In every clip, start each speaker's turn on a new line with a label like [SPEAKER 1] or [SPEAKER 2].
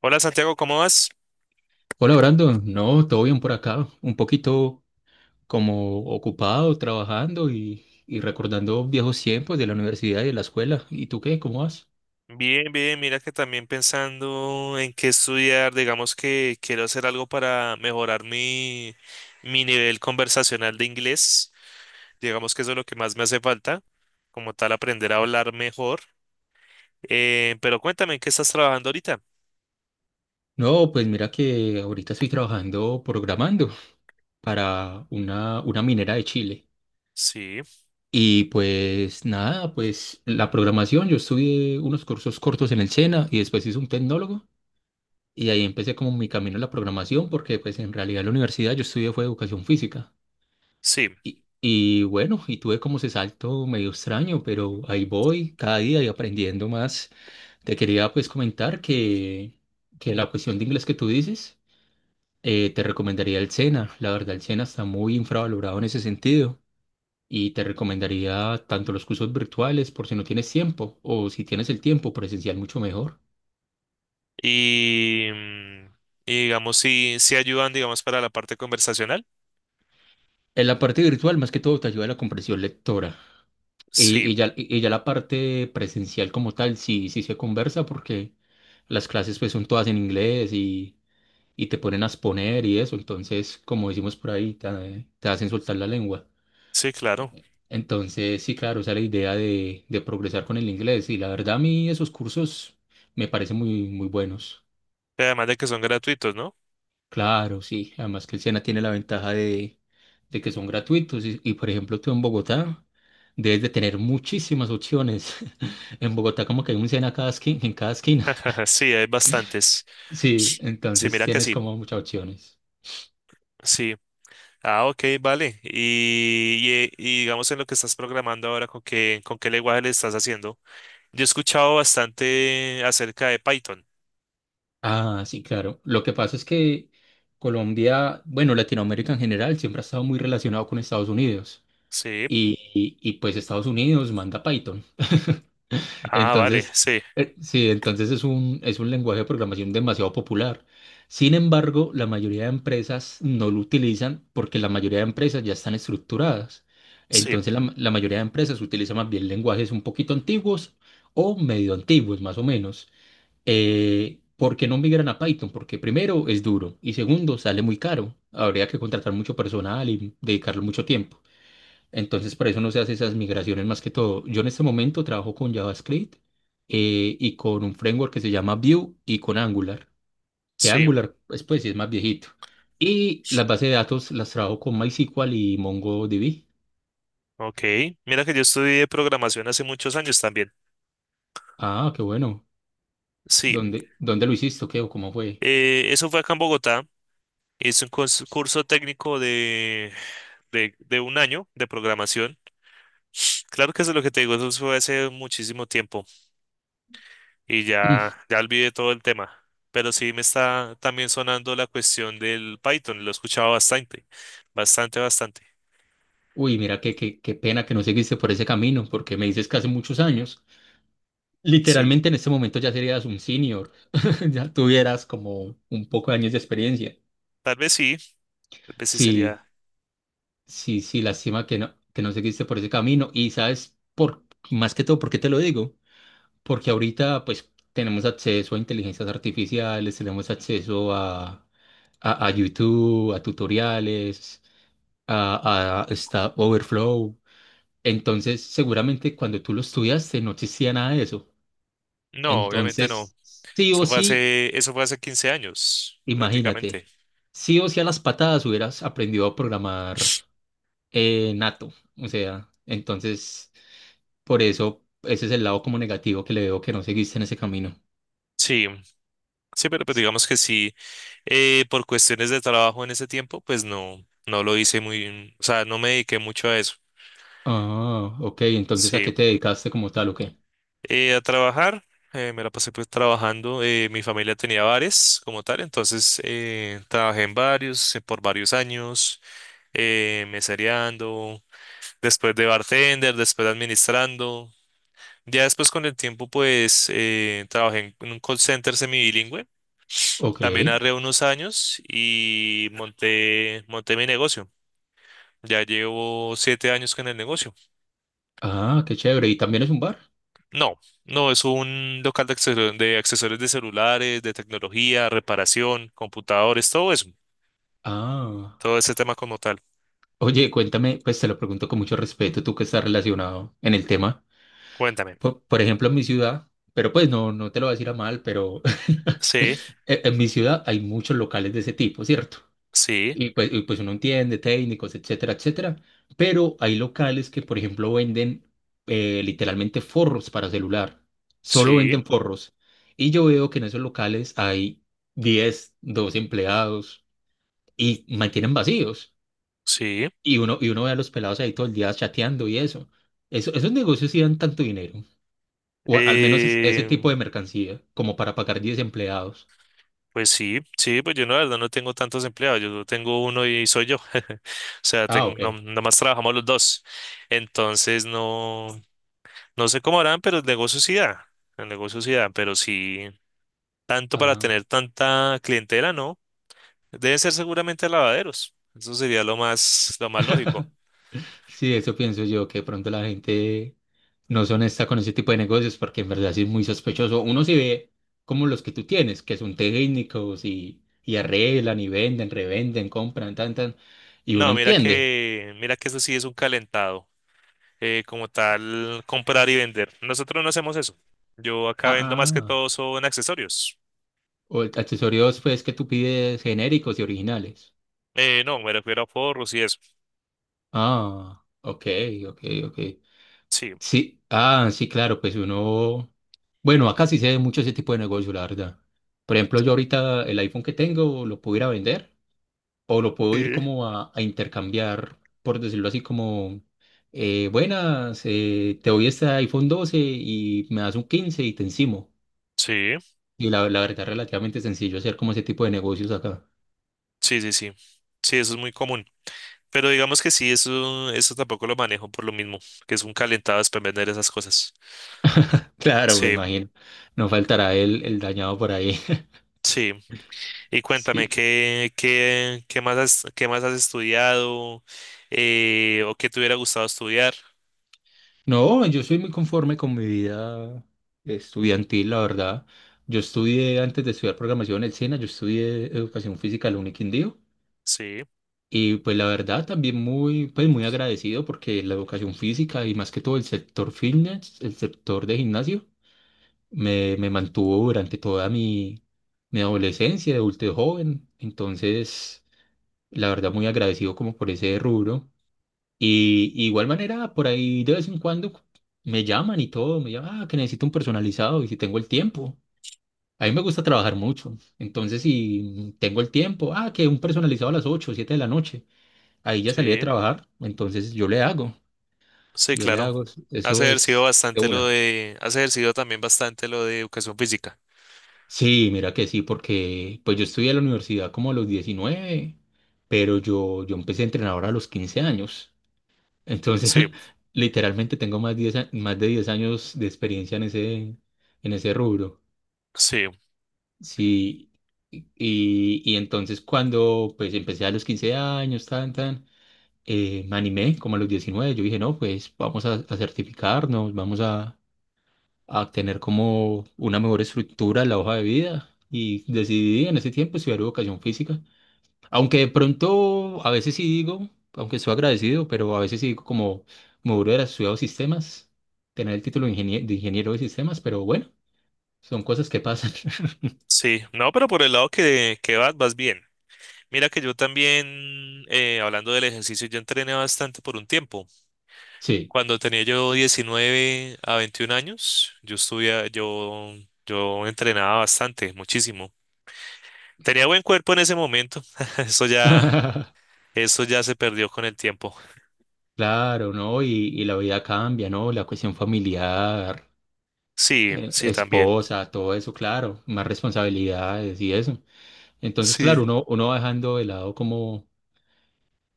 [SPEAKER 1] Hola Santiago, ¿cómo vas?
[SPEAKER 2] Hola Brandon, no, todo bien por acá, un poquito como ocupado, trabajando y recordando viejos tiempos de la universidad y de la escuela. ¿Y tú qué? ¿Cómo vas?
[SPEAKER 1] Bien, bien, mira que también pensando en qué estudiar, digamos que quiero hacer algo para mejorar mi nivel conversacional de inglés, digamos que eso es lo que más me hace falta, como tal aprender a hablar mejor. Pero cuéntame, ¿en qué estás trabajando ahorita?
[SPEAKER 2] No, pues mira que ahorita estoy trabajando programando para una minera de Chile.
[SPEAKER 1] Sí,
[SPEAKER 2] Y pues nada, pues la programación, yo estudié unos cursos cortos en el SENA y después hice un tecnólogo y ahí empecé como mi camino en la programación porque pues en realidad en la universidad yo estudié fue educación física.
[SPEAKER 1] sí,
[SPEAKER 2] Y bueno, tuve como ese salto medio extraño, pero ahí voy cada día y aprendiendo más. Te quería pues comentar que la cuestión de inglés que tú dices, te recomendaría el SENA. La verdad, el SENA está muy infravalorado en ese sentido. Y te recomendaría tanto los cursos virtuales por si no tienes tiempo, o si tienes el tiempo presencial mucho mejor.
[SPEAKER 1] y, mm, y digamos si ayudan, digamos, para la parte conversacional,
[SPEAKER 2] En la parte virtual, más que todo, te ayuda la comprensión lectora. Y, y
[SPEAKER 1] sí,
[SPEAKER 2] ya, y ya la parte presencial como tal, sí, sí se conversa porque las clases pues son todas en inglés y te ponen a exponer y eso, entonces como decimos por ahí, te hacen soltar la lengua.
[SPEAKER 1] sí, claro,
[SPEAKER 2] Entonces sí, claro, esa es la idea de progresar con el inglés y la verdad a mí esos cursos me parecen muy, muy buenos.
[SPEAKER 1] además de que son gratuitos, ¿no?
[SPEAKER 2] Claro, sí. Además que el Sena tiene la ventaja de que son gratuitos y, por ejemplo, tú en Bogotá debes de tener muchísimas opciones. En Bogotá como que hay un Sena cada esquina, en cada esquina.
[SPEAKER 1] Sí, hay bastantes.
[SPEAKER 2] Sí,
[SPEAKER 1] Sí,
[SPEAKER 2] entonces
[SPEAKER 1] mira que
[SPEAKER 2] tienes
[SPEAKER 1] sí,
[SPEAKER 2] como muchas opciones.
[SPEAKER 1] sí. Ah, ok, vale. Y digamos en lo que estás programando ahora, ¿ con qué lenguaje le estás haciendo? Yo he escuchado bastante acerca de Python.
[SPEAKER 2] Ah, sí, claro. Lo que pasa es que Colombia, bueno, Latinoamérica en general siempre ha estado muy relacionado con Estados Unidos
[SPEAKER 1] Sí.
[SPEAKER 2] y pues Estados Unidos manda Python.
[SPEAKER 1] Ah, vale,
[SPEAKER 2] Entonces,
[SPEAKER 1] sí,
[SPEAKER 2] sí, entonces es un lenguaje de programación demasiado popular. Sin embargo, la mayoría de empresas no lo utilizan porque la mayoría de empresas ya están estructuradas.
[SPEAKER 1] sí,
[SPEAKER 2] Entonces, la mayoría de empresas utilizan más bien lenguajes un poquito antiguos o medio antiguos, más o menos. ¿Por qué no migran a Python? Porque primero es duro y segundo sale muy caro. Habría que contratar mucho personal y dedicarle mucho tiempo. Entonces, para eso no se hace esas migraciones más que todo. Yo en este momento trabajo con JavaScript, y con un framework que se llama Vue y con Angular, que
[SPEAKER 1] sí.
[SPEAKER 2] Angular pues sí es más viejito. Y las bases de datos las trabajo con MySQL y MongoDB.
[SPEAKER 1] Ok. Mira que yo estudié programación hace muchos años también.
[SPEAKER 2] Ah, qué bueno.
[SPEAKER 1] Sí.
[SPEAKER 2] ¿Dónde lo hiciste? O ¿qué o cómo fue?
[SPEAKER 1] Eso fue acá en Bogotá. Hice un curso técnico de 1 año de programación. Claro que eso es lo que te digo, eso fue hace muchísimo tiempo. Y
[SPEAKER 2] Mm.
[SPEAKER 1] ya olvidé todo el tema. Pero sí me está también sonando la cuestión del Python, lo he escuchado bastante, bastante, bastante.
[SPEAKER 2] Uy, mira, qué pena que no seguiste por ese camino, porque me dices que hace muchos años.
[SPEAKER 1] Sí,
[SPEAKER 2] Literalmente en este momento ya serías un senior, ya tuvieras como un poco de años de experiencia.
[SPEAKER 1] tal vez sí, tal vez sí sería.
[SPEAKER 2] Sí. Sí, sí, lástima que no seguiste por ese camino. Y sabes, más que todo, ¿por qué te lo digo? Porque ahorita, pues, tenemos acceso a inteligencias artificiales, tenemos acceso a, a YouTube, a tutoriales, a Stack Overflow. Entonces, seguramente cuando tú lo estudiaste no existía nada de eso.
[SPEAKER 1] No, obviamente no.
[SPEAKER 2] Entonces, sí o sí,
[SPEAKER 1] Eso fue hace 15 años,
[SPEAKER 2] imagínate,
[SPEAKER 1] prácticamente.
[SPEAKER 2] sí o sí a las patadas hubieras aprendido a programar, nato. O sea, entonces... Por eso, ese es el lado como negativo que le veo que no seguiste en ese camino.
[SPEAKER 1] Sí, sí, pero pues
[SPEAKER 2] Sí.
[SPEAKER 1] digamos que sí, por cuestiones de trabajo en ese tiempo, pues no, no lo hice muy, o sea, no me dediqué mucho a eso.
[SPEAKER 2] Ah, ok, entonces ¿a
[SPEAKER 1] Sí.
[SPEAKER 2] qué te dedicaste como tal o qué?
[SPEAKER 1] A trabajar, me la pasé pues trabajando. Eh, mi familia tenía bares como tal, entonces trabajé en varios, por varios años, mesereando, después de bartender, después administrando. Ya después con el tiempo pues trabajé en un call center semibilingüe,
[SPEAKER 2] Ok.
[SPEAKER 1] también hace unos años y monté mi negocio. Ya llevo 7 años con el negocio.
[SPEAKER 2] Ah, qué chévere. ¿Y también es un bar?
[SPEAKER 1] No, no, es un local de accesorios, de accesorios de celulares, de tecnología, reparación, computadores, todo eso,
[SPEAKER 2] Ah.
[SPEAKER 1] todo ese tema como tal.
[SPEAKER 2] Oye, cuéntame, pues te lo pregunto con mucho respeto, tú que estás relacionado en el tema.
[SPEAKER 1] Cuéntame.
[SPEAKER 2] Por ejemplo, en mi ciudad, pero pues no, no te lo voy a decir a mal, pero
[SPEAKER 1] Sí,
[SPEAKER 2] en mi ciudad hay muchos locales de ese tipo, ¿cierto?
[SPEAKER 1] sí,
[SPEAKER 2] Y pues uno entiende técnicos, etcétera, etcétera. Pero hay locales que, por ejemplo, venden, literalmente, forros para celular. Solo venden
[SPEAKER 1] sí,
[SPEAKER 2] forros. Y yo veo que en esos locales hay 10 12 empleados y mantienen vacíos.
[SPEAKER 1] sí.
[SPEAKER 2] Y uno ve a los pelados ahí todo el día chateando y eso. Esos negocios sí dan tanto dinero. O al menos ese
[SPEAKER 1] Eh,
[SPEAKER 2] tipo de mercancía, como para pagar 10 empleados.
[SPEAKER 1] pues sí, sí, pues yo no, la verdad no tengo tantos empleados, yo tengo uno y soy yo. O sea,
[SPEAKER 2] Ah,
[SPEAKER 1] tengo,
[SPEAKER 2] ok.
[SPEAKER 1] nomás trabajamos los dos. Entonces no, no sé cómo harán, pero el negocio sí da, el negocio sí da, pero sí, tanto para
[SPEAKER 2] Ah.
[SPEAKER 1] tener tanta clientela, ¿no? Debe ser seguramente lavaderos. Eso sería lo más lógico.
[SPEAKER 2] Sí, eso pienso yo, que de pronto la gente no son honesta con ese tipo de negocios, porque en verdad sí es muy sospechoso. Uno sí ve como los que tú tienes, que son técnicos y arreglan y venden, revenden, compran, tan, tan, y uno
[SPEAKER 1] No,
[SPEAKER 2] entiende.
[SPEAKER 1] mira que eso sí es un calentado. Eh, como tal, comprar y vender. Nosotros no hacemos eso. Yo acá
[SPEAKER 2] Ah,
[SPEAKER 1] vendo más que todo
[SPEAKER 2] ah,
[SPEAKER 1] son accesorios.
[SPEAKER 2] o accesorios pues que tú pides genéricos y originales.
[SPEAKER 1] No, me refiero a forros y eso.
[SPEAKER 2] Ah, ok, ok, ok.
[SPEAKER 1] Sí.
[SPEAKER 2] Sí, ah, sí, claro, pues uno, bueno, acá sí se ve mucho ese tipo de negocio, la verdad. Por ejemplo, yo ahorita el iPhone que tengo lo pudiera vender o lo puedo ir
[SPEAKER 1] Sí.
[SPEAKER 2] como a intercambiar, por decirlo así, como, buenas, te doy este iPhone 12 y me das un 15 y te encimo.
[SPEAKER 1] Sí,
[SPEAKER 2] Y la verdad, relativamente sencillo hacer como ese tipo de negocios acá.
[SPEAKER 1] sí, sí, sí. Sí, eso es muy común. Pero digamos que sí, eso tampoco lo manejo por lo mismo, que es un calentado después vender esas cosas.
[SPEAKER 2] Claro, me
[SPEAKER 1] Sí,
[SPEAKER 2] imagino. No faltará el dañado por ahí.
[SPEAKER 1] sí. Y cuéntame,
[SPEAKER 2] Sí.
[SPEAKER 1] ¿ qué más qué más has estudiado o qué te hubiera gustado estudiar?
[SPEAKER 2] No, yo soy muy conforme con mi vida estudiantil, la verdad. Yo estudié, antes de estudiar programación en el SENA, yo estudié educación física en la Uniquindío.
[SPEAKER 1] Sí,
[SPEAKER 2] Y pues la verdad también muy, pues muy agradecido porque la educación física y más que todo el sector fitness, el sector de gimnasio, me mantuvo durante toda mi adolescencia, de adulto joven. Entonces, la verdad muy agradecido como por ese rubro. Y igual manera, por ahí de vez en cuando me llaman y todo, me llaman, ah, que necesito un personalizado y si tengo el tiempo. A mí me gusta trabajar mucho. Entonces, si tengo el tiempo, ah, que un personalizado a las 8 7 de la noche. Ahí ya salí de
[SPEAKER 1] sí,
[SPEAKER 2] trabajar, entonces yo le hago,
[SPEAKER 1] sí,
[SPEAKER 2] yo le
[SPEAKER 1] claro.
[SPEAKER 2] hago,
[SPEAKER 1] Has
[SPEAKER 2] eso
[SPEAKER 1] ejercido
[SPEAKER 2] es de
[SPEAKER 1] bastante
[SPEAKER 2] una.
[SPEAKER 1] has ejercido también bastante lo de educación física.
[SPEAKER 2] Sí, mira que sí, porque pues yo estudié en la universidad como a los 19, pero yo empecé a entrenar a los 15 años. Entonces,
[SPEAKER 1] Sí,
[SPEAKER 2] literalmente tengo más, más de 10 años de experiencia en ese rubro.
[SPEAKER 1] sí,
[SPEAKER 2] Sí, y entonces cuando pues empecé a los 15 años, tan, tan, me animé como a los 19, yo dije, no, pues vamos a certificarnos, vamos a tener como una mejor estructura en la hoja de vida y decidí en ese tiempo estudiar educación física. Aunque de pronto a veces sí digo, aunque estoy agradecido, pero a veces sí digo como me hubiera estudiado sistemas, tener el título de de ingeniero de sistemas, pero bueno, son cosas que pasan.
[SPEAKER 1] sí. No, pero por el lado que vas, vas bien. Mira que yo también, hablando del ejercicio, yo entrené bastante por un tiempo.
[SPEAKER 2] Sí.
[SPEAKER 1] Cuando tenía yo 19 a 21 años, yo entrenaba bastante, muchísimo. Tenía buen cuerpo en ese momento. Eso ya, eso ya se perdió con el tiempo.
[SPEAKER 2] Claro, ¿no? Y la vida cambia, ¿no? La cuestión familiar,
[SPEAKER 1] Sí, sí, también.
[SPEAKER 2] esposa, todo eso, claro, más responsabilidades y eso. Entonces,
[SPEAKER 1] Sí,
[SPEAKER 2] claro, uno, uno va dejando de lado como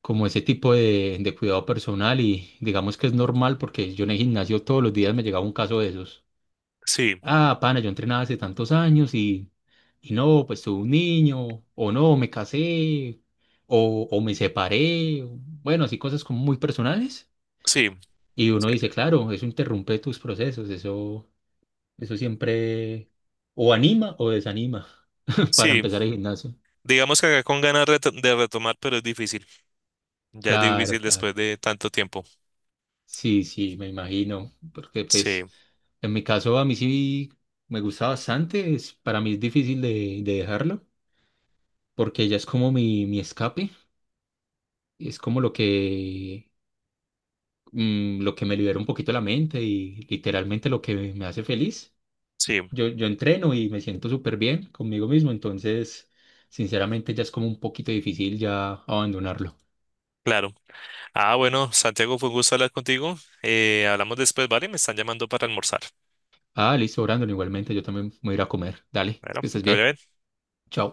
[SPEAKER 2] como ese tipo de cuidado personal y digamos que es normal porque yo en el gimnasio todos los días me llegaba un caso de esos.
[SPEAKER 1] sí,
[SPEAKER 2] Ah, pana, yo entrenaba hace tantos años y no, pues tuve un niño, o no, me casé, o me separé, o- bueno, así cosas como muy personales.
[SPEAKER 1] sí,
[SPEAKER 2] Y
[SPEAKER 1] sí.
[SPEAKER 2] uno dice, claro, eso interrumpe tus procesos, eso siempre o anima o desanima para
[SPEAKER 1] Sí,
[SPEAKER 2] empezar el gimnasio.
[SPEAKER 1] digamos que acá con ganas de retomar, pero es difícil. Ya es
[SPEAKER 2] Claro,
[SPEAKER 1] difícil
[SPEAKER 2] claro.
[SPEAKER 1] después de tanto tiempo.
[SPEAKER 2] Sí, sí, me imagino, porque
[SPEAKER 1] Sí,
[SPEAKER 2] pues en mi caso a mí sí me gusta bastante, es, para mí es difícil de dejarlo, porque ella es como mi escape, y es como lo que, lo que me libera un poquito la mente y literalmente lo que me hace feliz.
[SPEAKER 1] sí,
[SPEAKER 2] Yo entreno y me siento súper bien conmigo mismo, entonces sinceramente ya es como un poquito difícil ya abandonarlo.
[SPEAKER 1] claro. Ah, bueno, Santiago, fue un gusto hablar contigo. Hablamos después, ¿vale? Me están llamando para almorzar.
[SPEAKER 2] Ah, listo, Brandon, igualmente yo también me voy a ir a comer, dale,
[SPEAKER 1] Bueno,
[SPEAKER 2] que estés
[SPEAKER 1] pero ya
[SPEAKER 2] bien,
[SPEAKER 1] ven.
[SPEAKER 2] chao.